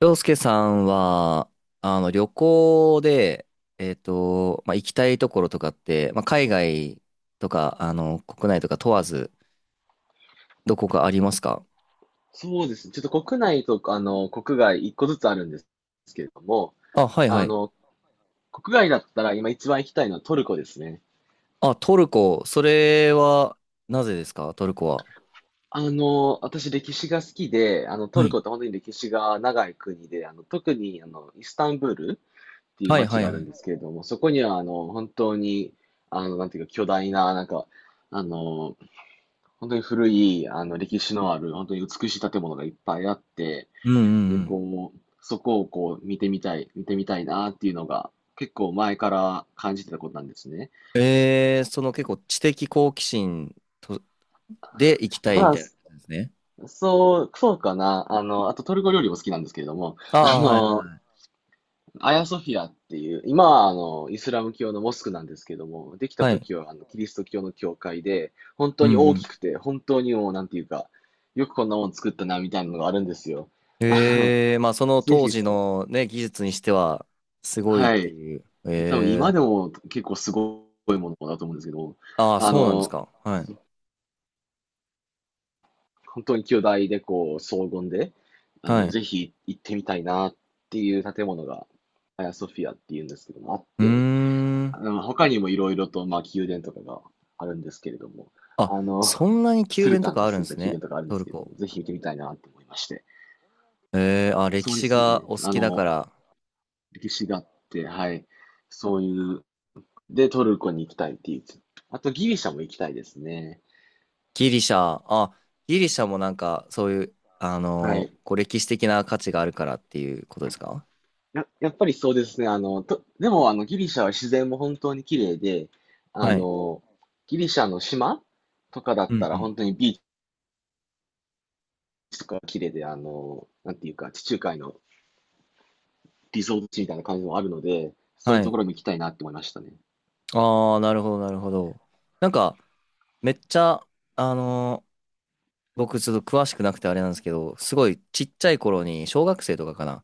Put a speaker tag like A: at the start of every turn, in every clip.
A: 洋介さんは、旅行で、行きたいところとかって、海外とか、国内とか問わず、どこかありますか？
B: そうですね。ちょっと国内と国外一個ずつあるんですけれども、
A: あ、はいは
B: あ
A: い。
B: の、国外だったら今一番行きたいのはトルコですね。
A: あ、トルコ。それは、なぜですかトルコは。
B: 私歴史が好きで、ト
A: は
B: ル
A: い
B: コって本当に歴史が長い国で、特にイスタンブールっていう
A: はいは
B: 街
A: い
B: があ
A: は
B: るん
A: い。
B: ですけれども、そこには本当に、なんていうか巨大な、なんか、あの、本当に古い、歴史のある、本当に美しい建物がいっぱいあって、
A: うん
B: で、
A: うん
B: こう、そこをこう見てみたいなっていうのが結構前から感じてたことなんですね。
A: うん。えー、その結構知的好奇心とで行きたい
B: ま
A: み
B: あ、
A: たいな感じですね。
B: そうかな。あとトルコ料理も好きなんですけれども、
A: ああ、はいはい。
B: アヤソフィアっていう、今はイスラム教のモスクなんですけども、できた
A: はい。
B: 時はキリスト教の教会で、本
A: う
B: 当
A: んう
B: に大きく
A: ん。
B: て、本当にもう、なんていうか、よくこんなもん作ったなみたいなのがあるんですよ。あの、
A: ええ、まあその
B: ぜ
A: 当
B: ひ、
A: 時のね、技術にしてはすごいっ
B: は
A: て
B: い。
A: いう。
B: 多分今
A: え
B: で
A: え。
B: も結構すごいものだと思うんですけど、
A: ああ、
B: あ
A: そうなんです
B: の、
A: か。はい。
B: 本当に兄弟でこう、荘厳で、
A: はい。
B: ぜひ行ってみたいなっていう建物が、アヤソフィアっていうんですけども、あっ
A: うー
B: て、
A: ん。
B: 他にもいろいろと、まあ、宮殿とかがあるんですけれども、
A: あ、
B: あの、
A: そんなに
B: ス
A: 宮
B: ル
A: 殿と
B: タン
A: か
B: が
A: あるん
B: 住ん
A: で
B: だ
A: す
B: 宮殿
A: ね。
B: とかあるんで
A: ト
B: す
A: ル
B: けれど
A: コ。
B: も、ぜひ行ってみたいなと思いまして。
A: ええ、あ、歴
B: そうで
A: 史
B: すね。
A: がお好きだから。
B: 歴史があって、はい。そういう、で、トルコに行きたいっていう。あと、ギリシャも行きたいですね。
A: ギリシャ、あ、ギリシャもなんかそういう、
B: はい。
A: こう歴史的な価値があるからっていうことですか？
B: やっぱりそうですね。でも、ギリシャは自然も本当に綺麗で、あ
A: はい。
B: の、ギリシャの島とかだっ
A: うん
B: た
A: う
B: ら
A: ん。
B: 本当にビーチとか綺麗で、なんていうか、地中海のリゾート地みたいな感じもあるので、そうい
A: は
B: うと
A: い。
B: ころも行きたいなって思いましたね。
A: ああ、なるほど、なるほど。なんか、めっちゃ、あのー僕ちょっと詳しくなくてあれなんですけど、すごいちっちゃい頃に小学生とかかな、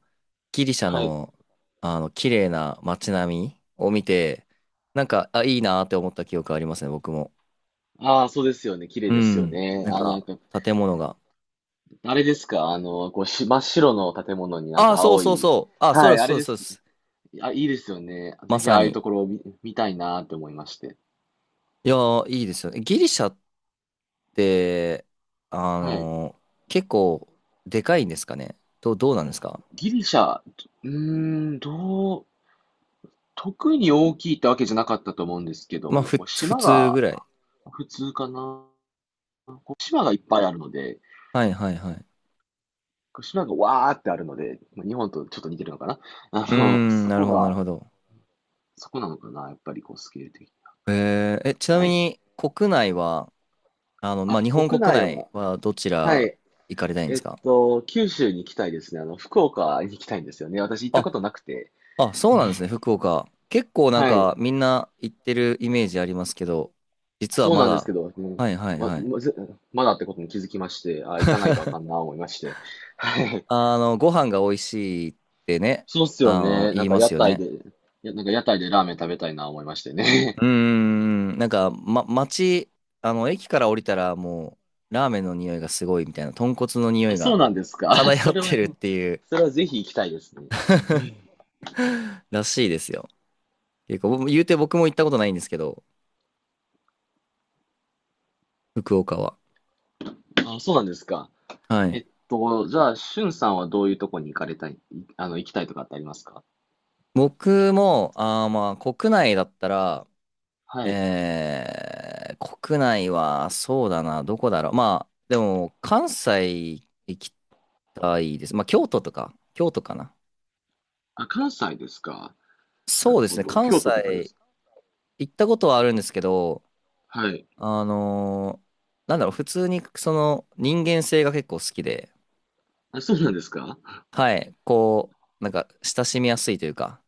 A: ギリシャ
B: はい。
A: のあの綺麗な街並みを見て、なんか、あ、いいなーって思った記憶ありますね、僕も。
B: ああ、そうですよね。綺麗
A: う
B: ですよ
A: ん。
B: ね。
A: なんか、建物が。
B: あれですか、あの、こうし、真っ白の建物になん
A: ああ、
B: か
A: そう
B: 青
A: そう
B: い。
A: そう。あ、そう
B: は
A: で
B: い、
A: す、
B: あ
A: そ
B: れ
A: うで
B: で
A: す、そ
B: す。
A: うです。
B: あ、いいですよね。
A: ま
B: ぜひ
A: さ
B: ああいう
A: に。
B: ところを見たいなって思いまして。
A: いやー、いいですよね。ギリシャって、あ
B: はい。
A: のー結構、でかいんですかね。どう、どうなんですか？
B: ギリシャ、うーん、特に大きいってわけじゃなかったと思うんですけど
A: まあ、
B: も、
A: ふ、
B: こう
A: 普
B: 島
A: 通ぐ
B: が
A: らい。
B: 普通かな。こう島がいっぱいあるので、
A: はい、はい、はい。
B: こう島がわーってあるので、まあ日本とちょっと似てるのかな。
A: う
B: あ
A: ー
B: の、
A: ん、
B: そ
A: なる
B: こ
A: ほど、なるほ
B: が、
A: ど。
B: そこなのかな、やっぱりこうスケール的に。
A: えー、え、ちな
B: は
A: み
B: い。
A: に国内は、
B: あ、
A: 日本
B: 国
A: 国
B: 内
A: 内
B: は、
A: はどち
B: は
A: ら
B: い。
A: 行かれたいんで
B: え
A: す
B: っ
A: か？
B: と、九州に行きたいですね。福岡に行きたいんですよね。私行ったこ
A: あ、
B: となくて。
A: あ、そうなんですね、福岡。結構なん
B: はい。
A: かみんな行ってるイメージありますけど、実は
B: そう
A: ま
B: なんですけ
A: だ、
B: ど、うん、
A: はいはい
B: ま、
A: はい。
B: ま、ぜまだってことに気づきまして、あ、行かないとあかんな思いまして。はい。
A: ご飯が美味しいってね、
B: そうっすよね。
A: 言
B: なん
A: い
B: か
A: ま
B: 屋
A: すよ
B: 台
A: ね。
B: で、やなんか屋台でラーメン食べたいな思いましてね。
A: うーん、なんか、ま、街、駅から降りたらもう、ラーメンの匂いがすごいみたいな、豚骨の 匂
B: あ、
A: い
B: そ
A: が
B: うなんですか。
A: 漂
B: そ
A: っ
B: れ
A: て
B: は、
A: るっていう。
B: それはぜひ行きたいですね。
A: らしいですよ。結構、言うて僕も行ったことないんですけど、福岡は。
B: あ、そうなんですか。
A: は
B: え
A: い。
B: っと、じゃあ、しゅんさんはどういうとこに行かれたい、あの、行きたいとかってありますか？
A: 僕も、あー、まあ、国内だったら、
B: はい。
A: えー、国内は、そうだな、どこだろう。まあ、でも、関西行きたいです。まあ、京都とか、京都かな。
B: あ、関西ですか。な
A: そう
B: る
A: です
B: ほ
A: ね、
B: ど。
A: 関
B: 京都とかで
A: 西
B: すか。
A: 行ったことはあるんですけど、
B: はい。
A: あのーなんだろう、普通に、その、人間性が結構好きで、
B: あ、そうなんですか。
A: はい、こう、なんか、親しみやすいというか、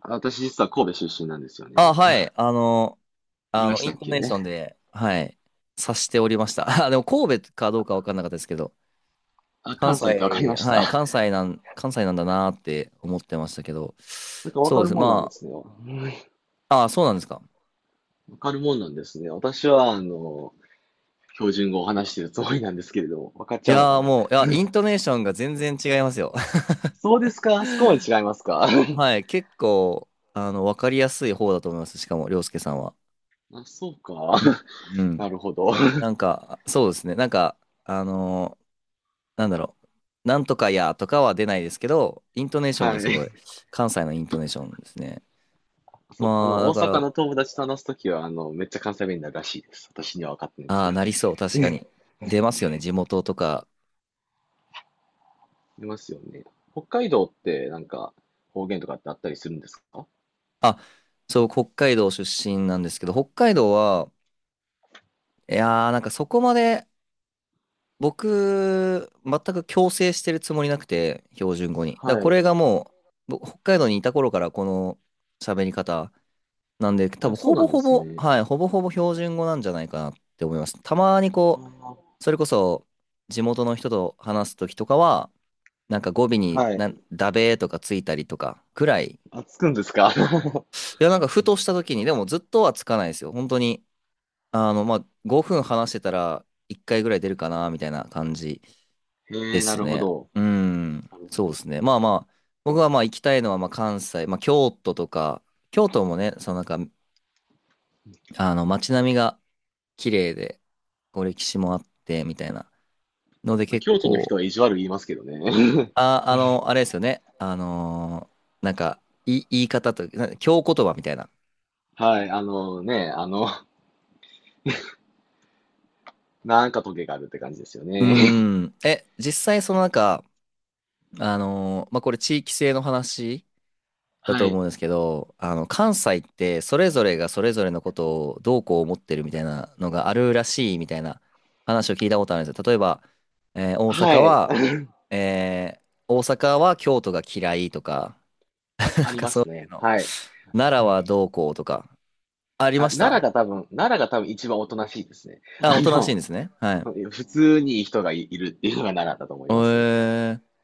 B: あ、私実は神戸出身なんですよね。
A: あ、はい。
B: 言い
A: あ
B: ま
A: の、
B: した
A: イン
B: っ
A: ト
B: け？
A: ネーションで、はい、察しておりました。あ、でも神戸かどうかわかんなかったですけど、
B: あ、
A: 関
B: 関西ってわかり
A: 西、
B: まし
A: はい、
B: た。
A: 関西なん、関西なんだなーって思ってましたけど、
B: なんかわ
A: そ
B: か
A: うで
B: る
A: す。
B: もんなんで
A: ま
B: すね。わ
A: あ、あ、そうなんですか。
B: かるもんなんですね。私は、標準語を話してるつもりなんですけれども、わかっち
A: い
B: ゃうの
A: や
B: か
A: ー
B: な。
A: もう、いや、イントネーションが全然違いますよ。
B: そうですか、そこまで違いますか。
A: は い、結構、わかりやすい方だと思います。しかも、り介さんは。
B: あ、そうか。
A: うん う
B: な
A: ん。
B: るほど。
A: なんか、そうですね。なんか、あのーなんだろう。なんとかやとかは出ないですけど、イントネーション
B: は
A: がす
B: い。
A: ごい、関西のイントネーションですね。
B: そ、あ
A: まあ、
B: の、
A: だ
B: 大
A: か
B: 阪
A: ら、
B: の友達と話すときは、めっちゃ関西弁になるらしいです。私には分かってないんです
A: あ
B: け
A: あ、
B: ど。
A: なりそう、確かに。出ますよね、地元とか。
B: いますよね。北海道って、なんか、方言とかってあったりするんですか？
A: あ、そう、北海道出身なんですけど、北海道は、いやー、なんかそこまで、僕、全く強制してるつもりなくて、標準語に。だから
B: は
A: こ
B: い。
A: れがもう、僕北海道にいた頃からこの喋り方なんで、多
B: あ、
A: 分
B: そう
A: ほ
B: な
A: ぼ
B: んで
A: ほ
B: す
A: ぼ、
B: ね。
A: はい、ほぼほぼ標準語なんじゃないかなって思います。たまに
B: あ
A: こう、
B: ー、
A: それこそ、地元の人と話すときとかは、なんか語尾に
B: はい。
A: なんダベーとかついたりとかくらい。い
B: あ、つくんですか？
A: や、なんかふとした時に、でもずっとはつかないですよ。本当に、5分話してたら1回ぐらい出るかな、みたいな感じ
B: へ
A: で
B: え、な
A: す
B: るほ
A: ね。
B: ど。
A: うん、
B: なる
A: そうで
B: ほ
A: すね。まあまあ、僕はまあ行きたいのはまあ関西、まあ京都とか、京都もね、そのなんか、あの街並みが綺麗で、こう歴史もあって、みたいな。ので
B: ど。
A: 結
B: 京都の人
A: 構、
B: は意地悪言いますけどね。
A: あ、あれですよね。なんか、い言い方と、な京言葉みたいな。
B: はい、あのね、あの、なんかトゲがあるって感じですよ
A: う
B: ね。
A: ーん。え、実際そのなんか、まあ、これ地域性の話だ
B: は
A: と
B: い。
A: 思うんですけど、関西ってそれぞれがそれぞれのことをどうこう思ってるみたいなのがあるらしいみたいな話を聞いたことあるんですよ。例えば、えー大
B: は
A: 阪
B: い。
A: は、えー大阪は京都が嫌いとか、なん
B: あり
A: か
B: ま
A: そう
B: す
A: いう
B: ね。
A: の。
B: はい。
A: 奈良はどうこうとか、ありました？
B: 奈良が多分一番おとなしいですね。
A: あ、
B: あ
A: おとなしいん
B: の、
A: ですね。はい。
B: 普通にいるっていうのが奈良だと思い
A: え
B: ますね。
A: ー、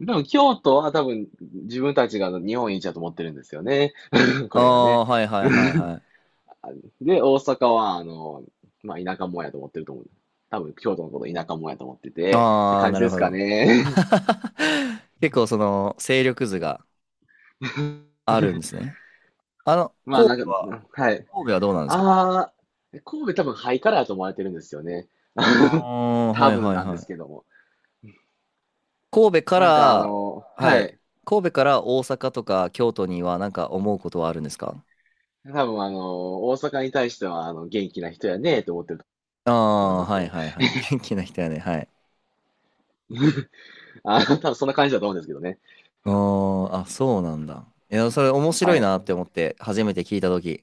B: でも京都は多分自分たちが日本一だと思ってるんですよね。こ
A: あ
B: れがね。
A: あ、はいはいはいはい。
B: で、大阪は、まあ、田舎もんやと思ってると思う。多分京都のこと田舎もんやと思ってて、って
A: ああ、
B: 感
A: な
B: じ
A: る
B: です
A: ほ
B: か
A: ど。
B: ね。
A: 結構その勢力図が あるんですね。
B: まあ、な
A: 神戸
B: んか、
A: は、
B: うん、はい。
A: 神戸はどうなんですか？
B: ああ、神戸多分ハイカラーと思われてるんですよね。
A: ああー、
B: 多
A: はい
B: 分
A: はい
B: なんで
A: はい。
B: すけども。
A: 神戸か
B: なんかあ
A: ら、
B: の、
A: は
B: は
A: い。
B: い。
A: 神戸から大阪とか京都にはなんか思うことはあるんですか？
B: 多分大阪に対してはあの元気な人やねと思ってると思うん
A: あ
B: で
A: あー、はいはい
B: す
A: はい。元気な人やね。はい。
B: よ。多分そんな感じだと思うんですけどね。
A: あーあ、そうなんだ。いや、それ面白
B: は
A: い
B: い。
A: なって思って、初めて聞いたとき。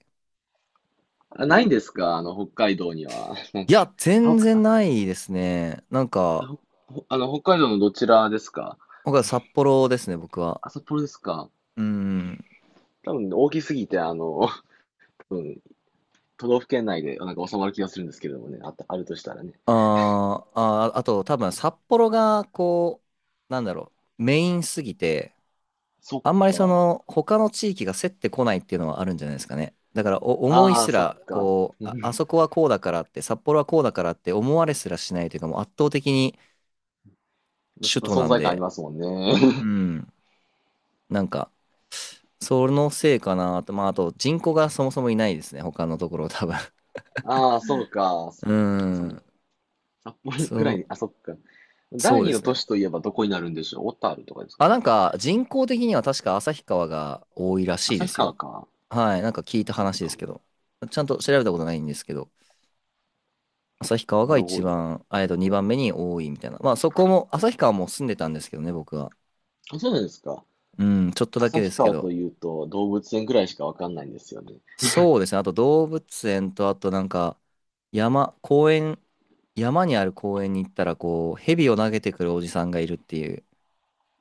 B: あないんですかあの、北海道には。
A: いや、
B: あ、
A: 全
B: ほ
A: 然ないですね。なん
B: あ
A: か、
B: ほほあの、北海道のどちらですか？
A: 僕は札幌ですね、僕は。
B: あ、札幌ですか？
A: うん。
B: 多分大きすぎて、分都道府県内でなんか収まる気がするんですけどもね。あった、あるとしたらね。
A: あーあー、あと多分札幌がこう、なんだろう、メインすぎて、
B: そっ
A: あんまりそ
B: か。
A: の他の地域が競ってこないっていうのはあるんじゃないですかね。だからお思い
B: ああ、
A: す
B: そっ
A: ら、
B: か。
A: こう、
B: う
A: あ、あ
B: ん、
A: そこはこうだからって、札幌はこうだからって思われすらしないというか、もう圧倒的に首都
B: 存
A: なん
B: 在感あり
A: で、
B: ますもん
A: う
B: ね。
A: ん、なんか、そのせいかなと、まああと人口がそもそもいないですね、他のところ多分。
B: ああ、そうか。そ
A: う
B: っかその
A: ん、
B: 札幌ぐら
A: そ
B: いに、
A: う、
B: あ、そっか。第
A: そうで
B: 二の
A: すね。
B: 都市といえばどこになるんでしょう。小樽とかですか
A: あ、な
B: ね。
A: んか人口的には確か旭川が多いらしいで
B: 旭
A: す
B: 川
A: よ。
B: か。
A: はい、なんか聞いた
B: そっ
A: 話です
B: か。
A: けど、ちゃんと調べたことないんですけど、旭川
B: な
A: が
B: る
A: 一
B: ほど。
A: 番、あえっと、2番目に多いみたいな。まあそこも、旭川も住んでたんですけどね、僕は。
B: あ、そうなんですか。
A: うん、ちょっとだけで
B: 旭
A: すけ
B: 川と
A: ど。
B: いうと動物園ぐらいしかわかんないんですよね。
A: そうですね、あと動物園と、あとなんか、山、公園、山にある公園に行ったら、こう、蛇を投げてくるおじさんがいるっていう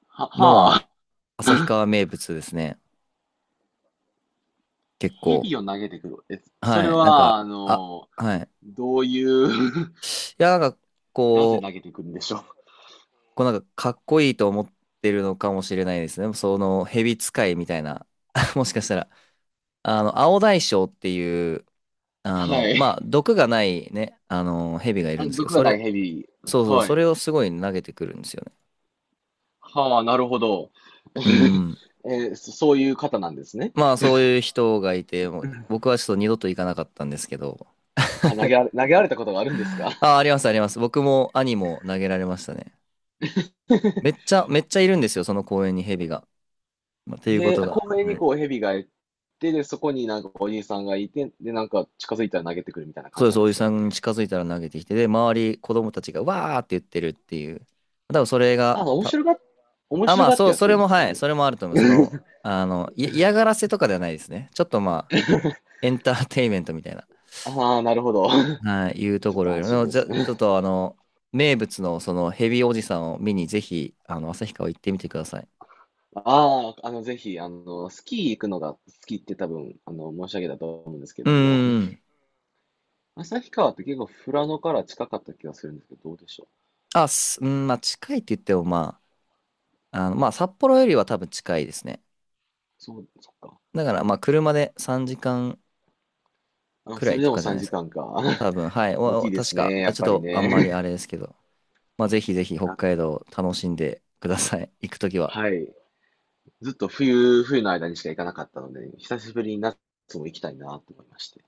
A: の
B: はあ、
A: は、旭川名物ですね。結構。
B: 蛇を投げてくる。え、そ
A: は
B: れ
A: い、なん
B: は、あ
A: か、あ、
B: の、
A: はい。い
B: どういう？
A: や、なんか、
B: なぜ
A: こ
B: 投
A: う、
B: げてくるんでしょう。
A: こうなんかかっこいいと思ってるのかもしれないですね。その蛇使いみたいな。もしかしたら。青大将っていう、
B: はい。
A: 毒がないね、蛇がいる
B: あ、
A: んですけど、
B: 毒が
A: そ
B: な
A: れ、
B: い蛇。
A: そうそう、
B: は
A: そ
B: い。
A: れをすごい投げてくるんですよね。
B: はあ、なるほど。
A: う ん。
B: えー、そういう方なんですね。
A: まあ、そういう人がいて、もう僕はちょっと二度と行かなかったんですけど。
B: 投げられたことがあるんですか？
A: あ、ありますあります。僕も兄も投げられましたね。めっちゃ、めっちゃいるんですよ、その公園に蛇が。まあっ ていうこ
B: へえ、
A: とが。
B: 公園
A: は
B: に
A: い。
B: こう蛇がいて、で、そこになんかおじいさんがいて、で、なんか近づいたら投げてくるみたいな感
A: そう
B: じ
A: で
B: な
A: す、
B: んで
A: おじ
B: すか？
A: さんに近づいたら投げてきて、で、周り、子供たちがわーって言ってるっていう。多分それが、
B: あ、面
A: た、
B: 白が、面
A: あ、
B: 白
A: まあ、
B: がっ
A: そ
B: て
A: う、
B: やっ
A: そ
B: て
A: れ
B: るんで
A: も、
B: すか
A: はい、
B: ね。
A: それもあると思う。その、い嫌がらせとかではないですね。ちょっとまあ、エンターテインメントみたいな、
B: ああ、なるほど。
A: はい、いうと
B: ちょっ
A: こ
B: と
A: ろ
B: 安
A: より
B: 心
A: も、
B: で
A: じゃ、
B: す
A: ちょ
B: ね。
A: っと名物のそのヘビおじさんを見に、ぜひ、旭川行ってみてください。
B: ああ、あの、ぜひ、スキー行くのが好きって多分、申し上げたと思うんですけ
A: う
B: ども、う
A: ー
B: ん、
A: ん。
B: 旭川って結構富良野から近かった気がするんですけど、どうでしょう。
A: あ、す、うん、まあ、近いって言っても、まあ、まあ、札幌よりは多分近いですね。
B: そう、そっか。
A: だから、まあ、車で3時間
B: あ、
A: くら
B: それ
A: い
B: で
A: と
B: も
A: かじゃな
B: 3
A: いですか。
B: 時間かんか。
A: 多分、はい。
B: 大
A: お、
B: き
A: お
B: いで
A: 確
B: す
A: か、
B: ね、や
A: あ
B: っ
A: ちょっ
B: ぱり
A: とあんまりあ
B: ね。
A: れですけど、まあ、ぜひぜひ 北
B: あ、
A: 海道楽しんでください。行くときは。
B: はい。ずっと冬、冬の間にしか行かなかったので、久しぶりに夏も行きたいなと思いまして。